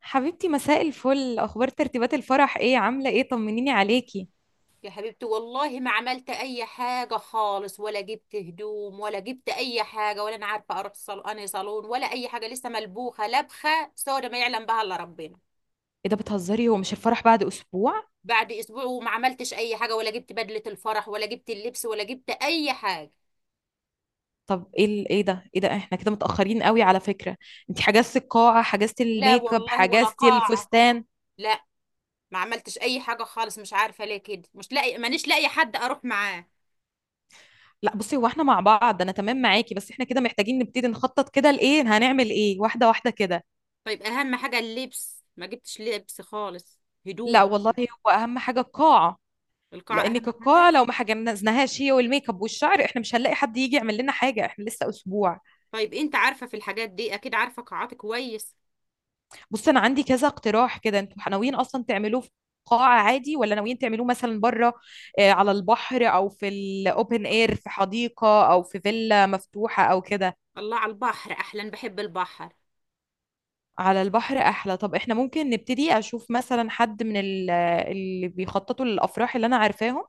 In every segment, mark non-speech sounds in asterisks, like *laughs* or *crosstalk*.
حبيبتي، مساء الفل. اخبار ترتيبات الفرح ايه؟ عامله ايه؟ طمنيني عليكي. يا حبيبتي، والله ما عملت اي حاجه خالص، ولا جبت هدوم، ولا جبت اي حاجه، ولا انا عارفه اروح صالون انهي صالون ولا اي حاجه. لسه ملبوخه لبخه سودا ما يعلم بها الا ربنا. ايه ده بتهزري؟ هو مش الفرح بعد اسبوع؟ بعد اسبوع وما عملتش اي حاجه، ولا جبت بدله الفرح، ولا جبت اللبس، ولا جبت اي حاجه. طب ايه ال- ايه ده ايه ده احنا كده متاخرين قوي على فكره. انت حجزتي القاعه؟ حجزتي لا الميك اب؟ والله، ولا حجزتي قاعه. الفستان؟ لا. ما عملتش اي حاجه خالص، مش عارفه ليه كده، مش لاقي، مانيش لاقي حد اروح معاه. لا بصي، هو احنا مع بعض، انا تمام معاكي، بس احنا كده محتاجين نبتدي نخطط كده لايه هنعمل ايه واحده واحده كده. طيب، اهم حاجه اللبس، ما جبتش لبس خالص. لا هدوم. والله. هو اهم حاجه القاعه، القاعه لانك اهم القاعه حاجه. لو ما حجزناهاش هي والميك اب والشعر احنا مش هنلاقي حد يجي يعمل لنا حاجه، احنا لسه اسبوع. طيب انت عارفة في الحاجات دي، اكيد عارفة قاعات كويس. بص، انا عندي كذا اقتراح كده. انتوا ناويين اصلا تعملوه في قاعة عادي ولا ناويين تعملوه مثلا بره، على البحر او في الاوبن اير، في حديقة او في فيلا مفتوحة او كده؟ الله، على البحر احلا، بحب البحر. على البحر احلى. طب احنا ممكن نبتدي اشوف مثلا حد من اللي بيخططوا للافراح اللي انا عارفاهم،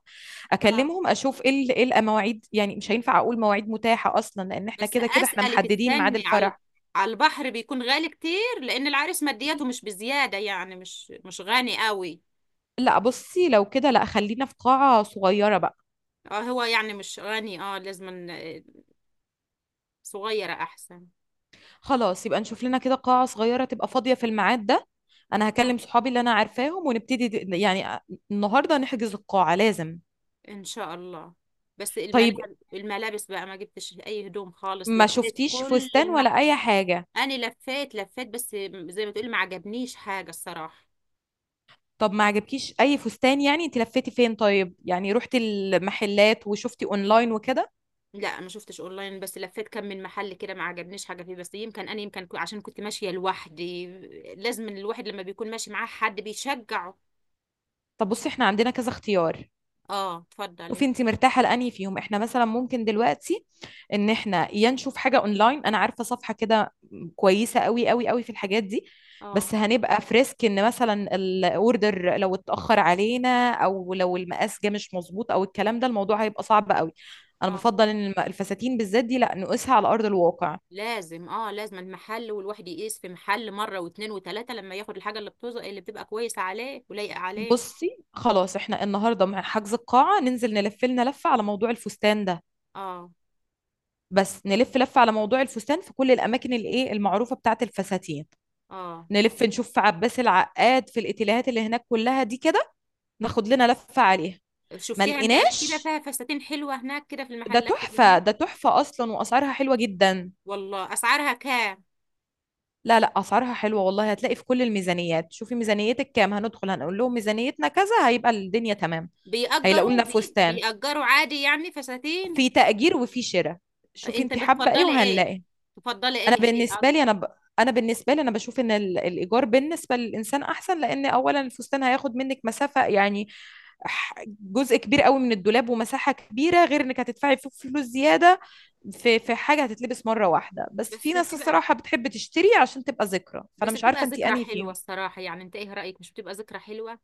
اه، اكلمهم اشوف ايه ايه المواعيد. يعني مش هينفع اقول مواعيد متاحة اصلا لان احنا بس كده كده احنا اسألك، محددين ميعاد استني على الفرح. على البحر بيكون غالي كتير، لان العريس مادياته مش بزيادة، يعني مش غني قوي. لا بصي، لو كده لا، خلينا في قاعة صغيرة بقى. اه، هو يعني مش غني، لازم صغيرة احسن. خلاص، يبقى نشوف لنا كده قاعة صغيرة تبقى فاضية في الميعاد ده. انا اه، هكلم صحابي اللي انا عارفاهم ونبتدي يعني النهاردة نحجز القاعة، لازم. ان شاء الله. بس الملابس. طيب، الملابس بقى ما جبتش اي هدوم خالص، ما لفيت شفتيش كل فستان المحل. ولا اي حاجة؟ انا لفيت، لفيت بس، زي ما تقولي ما عجبنيش حاجة الصراحة. طب ما عجبكيش اي فستان يعني؟ انت لفيتي فين طيب؟ يعني رحتي المحلات وشفتي اونلاين وكده؟ لا، ما شفتش اونلاين، بس لفيت كم من محل كده، ما عجبنيش حاجه فيه، بس يمكن انا، يمكن عشان كنت ماشيه لوحدي. لازم الواحد لما بيكون ماشي معاه حد بيشجعه. طب بصي، احنا عندنا كذا اختيار. اه، شوفي اتفضلي. انت مرتاحه لانهي فيهم. احنا مثلا ممكن دلوقتي ان احنا يا نشوف حاجه اونلاين، انا عارفه صفحه كده كويسه قوي قوي قوي في الحاجات دي، اه، بس هنبقى في ريسك ان مثلا الاوردر لو اتاخر علينا او لو المقاس جه مش مظبوط او الكلام ده، الموضوع هيبقى صعب قوي. انا اه، بفضل ان الفساتين بالذات دي لا نقيسها على ارض الواقع. لازم المحل، والواحد يقيس في محل مره واتنين وتلاته لما ياخد الحاجه اللي بتوزق، اللي بتبقى كويسه عليه ولايقه عليه. بصي، خلاص احنا النهارده مع حجز القاعه ننزل نلف لنا لفه على موضوع الفستان ده. اه، بس نلف لفه على موضوع الفستان في كل الاماكن الايه المعروفه بتاعه الفساتين. اه، نلف نشوف في عباس العقاد، في الاتيليهات اللي هناك كلها دي كده، ناخد لنا لفة عليها. ما شفتيها انت قبل كده؟ لقيناش، فيها فساتين حلوه هناك كده، في ده المحلات اللي تحفة هناك؟ ده، تحفة أصلا، وأسعارها حلوة جدا. والله، اسعارها كام؟ لا لا، أسعارها حلوة والله، هتلاقي في كل الميزانيات. شوفي ميزانيتك كام، هندخل هنقول لهم ميزانيتنا كذا، هيبقى الدنيا تمام. هيلاقوا لنا فستان، بيأجروا عادي يعني فساتين؟ في تأجير وفي شراء. شوفي انت انت حابة ايه بتفضلي ايه؟ وهنلاقي. تفضلي انا ايه اللي بالنسبه قال- لي انا انا بالنسبه لي انا بشوف ان الايجار بالنسبه للانسان احسن، لان اولا الفستان هياخد منك مسافه يعني، جزء كبير قوي من الدولاب ومساحه كبيره، غير انك هتدفعي فيه فلوس زياده في حاجه هتتلبس مره واحده. بس في بس ناس بتبقى الصراحه بتحب تشتري عشان تبقى ذكرى، فانا بس مش بتبقى عارفه انت ذكرى انهي حلوة فيهم. الصراحة، يعني انت ايه رأيك؟ مش بتبقى ذكرى حلوة؟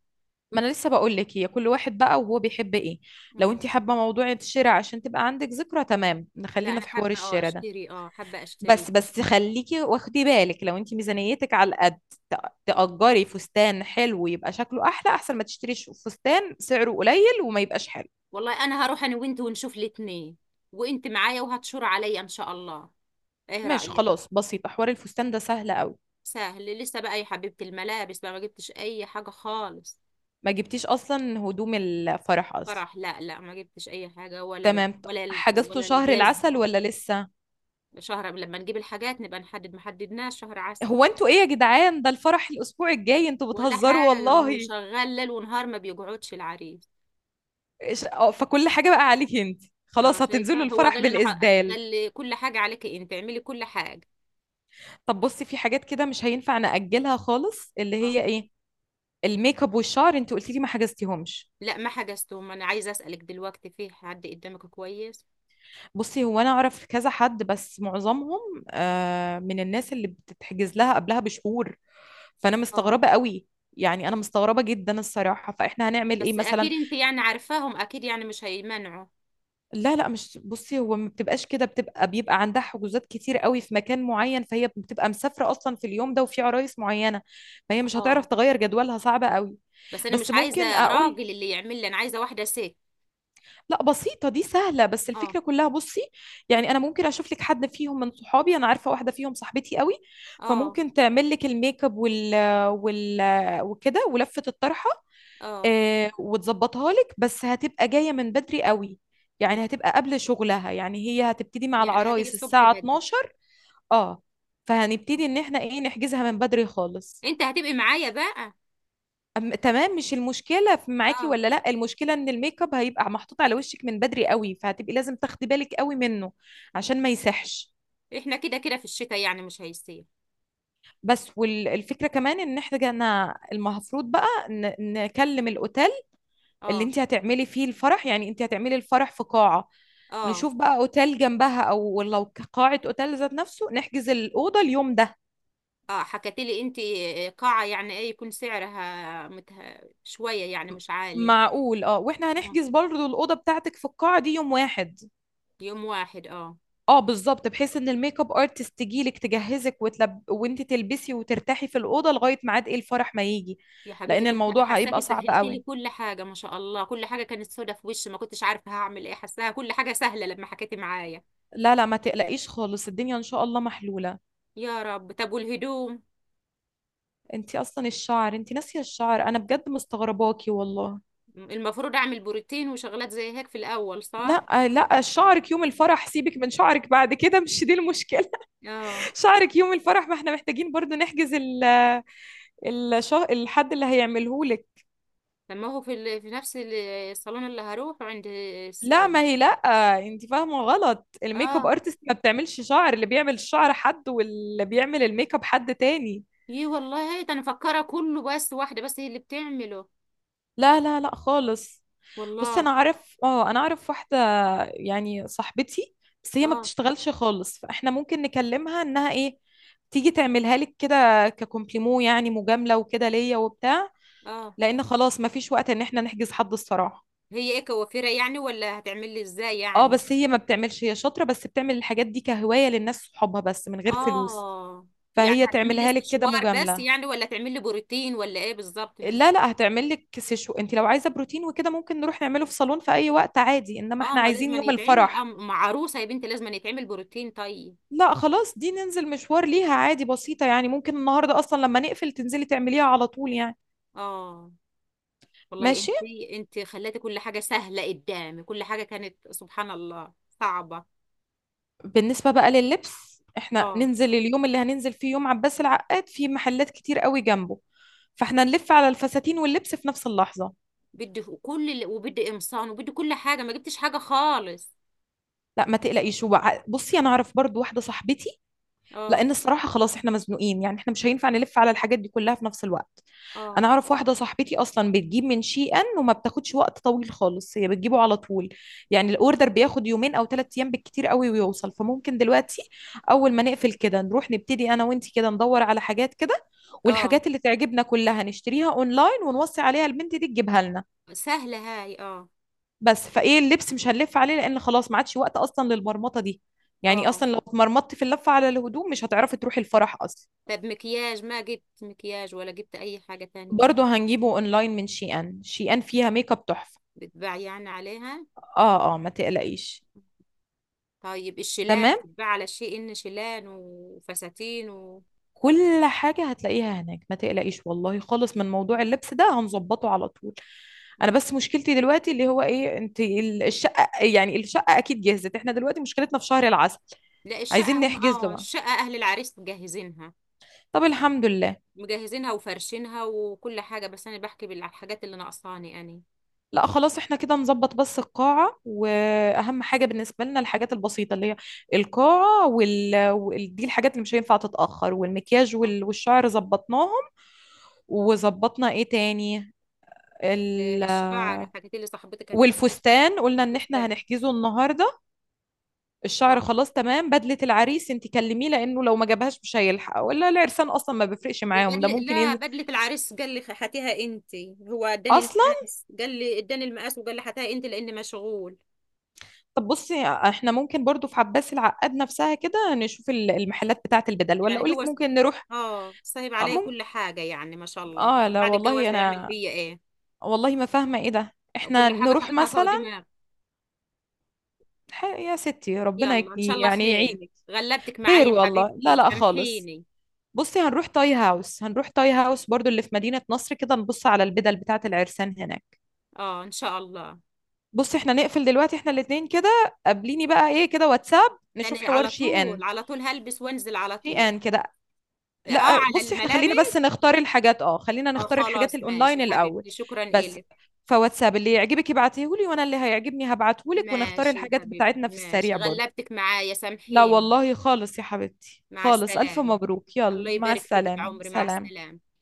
ما انا لسه بقول لك، هي كل واحد بقى وهو بيحب ايه. لو مم. انت حابه موضوع الشراء عشان تبقى عندك ذكرى، تمام، لا، نخلينا انا في حوار حابة، الشراء ده. اشتري، حابة بس اشتريها. بس خليكي واخدي بالك، لو انت ميزانيتك على القد تأجري فستان حلو يبقى شكله احلى، احسن ما تشتريش فستان سعره قليل وما يبقاش حلو. والله انا هروح انا وانت ونشوف الاتنين، وانت معايا وهتشور عليا ان شاء الله. ايه ماشي رأيك؟ خلاص، بسيطة، حوار الفستان ده سهل قوي. سهل لسه بقى يا حبيبة. الملابس بقى ما جبتش اي حاجة خالص. ما جبتيش اصلا هدوم الفرح اصلا؟ فرح، لا، لا، ما جبتش اي حاجة، ولا بقى تمام. ولا حجزتوا ولا شهر العسل الجزمة. ولا لسه؟ شهر، لما نجيب الحاجات نبقى نحدد، ما حددناش شهر عسل. هو انتوا ايه يا جدعان؟ ده الفرح الاسبوع الجاي، انتوا ولا بتهزروا حاجة، ما هو والله. شغال ليل ونهار، ما بيقعدش العريس. فكل حاجة بقى عليكي انت، اه، خلاص شايفة، هتنزلوا هو الفرح قال لي انا ح- بالإسدال. قال لي كل حاجة عليك انت، اعملي كل حاجة. طب بصي، في حاجات كده مش هينفع نأجلها خالص، اللي اه، هي ايه، الميك اب والشعر. انت قلتي لي ما حجزتيهمش. لا، ما حجزتهم. انا عايزة اسألك، دلوقتي في حد قدامك كويس؟ بصي، هو انا اعرف كذا حد، بس معظمهم من الناس اللي بتتحجز لها قبلها بشهور، فانا اه، مستغربه قوي. يعني انا مستغربه جدا الصراحه، فاحنا هنعمل ايه بس مثلا؟ اكيد انت يعني عارفاهم، اكيد يعني مش هيمنعوا. لا لا، مش بصي، هو ما بتبقاش كده، بتبقى بيبقى عندها حجوزات كتير قوي في مكان معين، فهي بتبقى مسافره اصلا في اليوم ده وفي عرايس معينه، فهي مش هتعرف اه، تغير جدولها، صعبه قوي. بس انا مش بس ممكن عايزة اقول، راجل اللي يعمل لي، انا عايزة واحدة ست. لا بسيطة دي سهلة، بس اه، الفكرة كلها بصي، يعني أنا ممكن أشوف لك حد فيهم من صحابي. أنا عارفة واحدة فيهم صاحبتي قوي، اه، فممكن تعمل لك الميك اب وال وكده ولفة الطرحة اه، وتظبطها لك، بس هتبقى جاية من بدري قوي. من- يعني هتبقى قبل شغلها، يعني هي هتبتدي مع يعني هتيجي العرايس الصبح الساعة بدري؟ 12، اه، فهنبتدي إن احنا إيه نحجزها من بدري خالص. انت هتبقي معايا بقى؟ تمام، مش المشكلة في معاكي اه، ولا لا، المشكلة ان الميك اب هيبقى محطوط على وشك من بدري قوي، فهتبقي لازم تاخدي بالك قوي منه عشان ما يسحش. احنا كده كده في الشتاء، يعني مش هيصير. بس والفكرة كمان ان احنا جانا المفروض بقى نكلم الاوتيل اللي اه، انت هتعملي فيه الفرح. يعني انت هتعملي الفرح في قاعة، اه، نشوف بقى اوتيل جنبها، او لو قاعة اوتيل ذات نفسه نحجز الأوضة اليوم ده. اه، حكت لي انت، قاعة يعني ايه يكون سعرها شوية يعني، مش عالي. معقول، اه. واحنا آه. هنحجز برضه الأوضة بتاعتك في القاعة دي يوم واحد، يوم واحد، اه. اه بالظبط، بحيث ان الميك اب ارتست تجيلك تجهزك وانت تلبسي وترتاحي في الاوضه لغايه ميعاد ايه الفرح ما يجي. يا لان حبيبتي انت الموضوع هيبقى حساكي صعب سهلتي لي قوي. كل حاجة، ما شاء الله. كل حاجة كانت سودة في وشي، ما كنتش عارفة هعمل ايه. حساها كل حاجة سهلة لما حكيتي معايا. لا لا، ما تقلقيش خالص، الدنيا ان شاء الله محلوله. يا رب. طب، والهدوم؟ انت اصلا الشعر، انت ناسيه الشعر، انا بجد مستغرباكي والله. المفروض اعمل بروتين وشغلات زي هيك في الاول، صح؟ لا لا، شعرك يوم الفرح، سيبك من شعرك بعد كده مش دي المشكله. اه، *laughs* شعرك يوم الفرح، ما احنا محتاجين برضو نحجز ال الحد اللي هيعمله لك. لما هو في نفس الصالون اللي هروح. لا، ما هي لا، انت فاهمه غلط، الميك اب اه، ارتست ما بتعملش شعر، اللي بيعمل الشعر حد واللي بيعمل الميك اب حد تاني. يي، والله هي ده انا مفكرة كله، بس واحدة بس هي اللي بتعمله. لا لا لا خالص. بصي، والله. انا عارف اه، انا اعرف واحده يعني صاحبتي، بس هي ما اه، بتشتغلش خالص، فاحنا ممكن نكلمها انها ايه تيجي تعملها لك كده ككومبليمو، يعني مجامله وكده ليا وبتاع، اه، لان خلاص ما فيش وقت ان احنا نحجز حد الصراحه. هي ايه، كوافيرة يعني، ولا هتعمل لي ازاي اه يعني؟ بس هي ما بتعملش، هي شاطره بس بتعمل الحاجات دي كهوايه للناس صحابها بس من غير فلوس، اه، يعني فهي هتعمل لي تعملها لك كده استشوار بس مجاملة. يعني، ولا تعمل لي بروتين، ولا ايه بالظبط من؟ لا لا، هتعمل لك سيشو. انت لو عايزة بروتين وكده ممكن نروح نعمله في صالون في اي وقت عادي، انما اه، احنا ما هو لازم عايزين أن يوم يتعمل، الفرح. مع عروسة يا بنتي لازم أن يتعمل بروتين. طيب. لا خلاص، دي ننزل مشوار ليها عادي، بسيطة، يعني ممكن النهاردة اصلا لما نقفل تنزلي تعمليها على طول يعني. اه، والله ماشي. انت خلاتي كل حاجة سهلة قدامي. كل حاجة كانت سبحان الله صعبة. بالنسبة بقى لللبس، احنا اه، ننزل اليوم اللي هننزل فيه يوم عباس العقاد، في محلات كتير قوي جنبه، فاحنا نلف على الفساتين واللبس في نفس اللحظة. بدي ف- كل ال- وبدي قمصان، وبدي كل حاجة، ما جبتش حاجة خالص. لا ما تقلقيش. بصي، انا اعرف برضو واحدة صاحبتي، اه، لان الصراحه خلاص احنا مزنوقين، يعني احنا مش هينفع نلف على الحاجات دي كلها في نفس الوقت. اه، انا اعرف واحده صاحبتي اصلا بتجيب من شي ان وما بتاخدش وقت طويل خالص، هي بتجيبه على طول. يعني الاوردر بياخد يومين او ثلاث ايام بالكتير قوي ويوصل. فممكن دلوقتي اول ما نقفل كده نروح نبتدي انا وانتي كده ندور على حاجات كده، اه، والحاجات اللي تعجبنا كلها نشتريها اونلاين ونوصي عليها البنت دي تجيبها لنا. سهلة هاي، اه. بس فايه اللبس مش هنلف عليه، لان خلاص ما عادش وقت اصلا للمرمطه دي. يعني اه، اصلا لو اتمرمطتي في اللفه على الهدوم مش هتعرفي تروحي الفرح اصلا. طب مكياج، ما جبت مكياج ولا جبت اي حاجة تانية؟ برضه هنجيبه اونلاين من شي ان، شي ان فيها ميك اب تحفة. بتباع يعني عليها؟ اه اه ما تقلقيش. طيب الشيلان تمام، بتباع على شيء ان، شيلان وفساتين. كل حاجة هتلاقيها هناك ما تقلقيش والله خالص، من موضوع اللبس ده هنظبطه على طول. انا مم. بس مشكلتي دلوقتي اللي هو ايه، انت الشقة، يعني الشقة اكيد جهزت. احنا دلوقتي مشكلتنا في شهر العسل، لا، عايزين الشقة هم نحجز له اه بقى. الشقة اهل العريس مجهزينها. طب الحمد لله. مجهزينها وفرشينها وكل حاجة، بس انا بحكي بالحاجات اللي ناقصاني انا. لا خلاص، احنا كده نظبط بس القاعة، واهم حاجة بالنسبة لنا الحاجات البسيطة اللي هي القاعة دي الحاجات اللي مش هينفع تتأخر، والمكياج اه، والشعر ظبطناهم. وظبطنا ايه تاني؟ ال... الشعر الحاجات اللي صاحبتك هتعمل لي شعر. والفستان قلنا ان احنا الفستان. هنحجزه النهاردة. الشعر اه، خلاص تمام. بدلة العريس انت كلميه، لانه لو ما جابهاش مش هيلحق. ولا العرسان اصلا ما بيفرقش هي معاهم ده، بدلة، ممكن لا، ينزل بدلة العريس قال لي هاتيها انت. هو اداني اصلا. المقاس، قال لي اداني المقاس، وقال لي هاتيها انت لان مشغول. طب بصي، احنا ممكن برضو في عباس العقاد نفسها كده نشوف المحلات بتاعة البدل، ولا يعني هو، اقولك ممكن نروح؟ اه، سايب اه عليا ممكن، كل حاجة يعني ما شاء الله. اه لا بعد الجواز والله هيعمل انا فيا ايه؟ والله ما فاهمه ايه ده. احنا كل حاجة نروح حاططها فوق مثلا، دماغي. يا ستي ربنا يلا، ان شاء الله يعني خير. يعينك. غلبتك معايا خير يا والله، لا حبيبتي، لا خالص. سامحيني. بصي هنروح تاي هاوس، هنروح تاي هاوس برضو اللي في مدينه نصر كده، نبص على البدل بتاعه العرسان هناك. اه، ان شاء الله. بصي احنا نقفل دلوقتي، احنا الاتنين كده قابليني بقى ايه كده، واتساب نشوف انا حوار على شي طول، ان، على طول هلبس وانزل على شي طول. ان كده. اه، لا على بصي، احنا خلينا الملابس. بس نختار الحاجات، اه خلينا اه، نختار الحاجات خلاص الاونلاين ماشي الاول حبيبتي، شكرا بس. الك. فواتساب اللي يعجبك ابعتيه لي، وانا اللي هيعجبني هبعته لك، ونختار ماشي الحاجات حبيبتي، بتاعتنا في ماشي، السريع برضه. غلبتك معايا لا سامحيني. والله خالص يا حبيبتي، مع خالص. الف السلامة. مبروك. الله يلا، مع يبارك فيك يا السلامة، عمري، مع سلام. السلامة.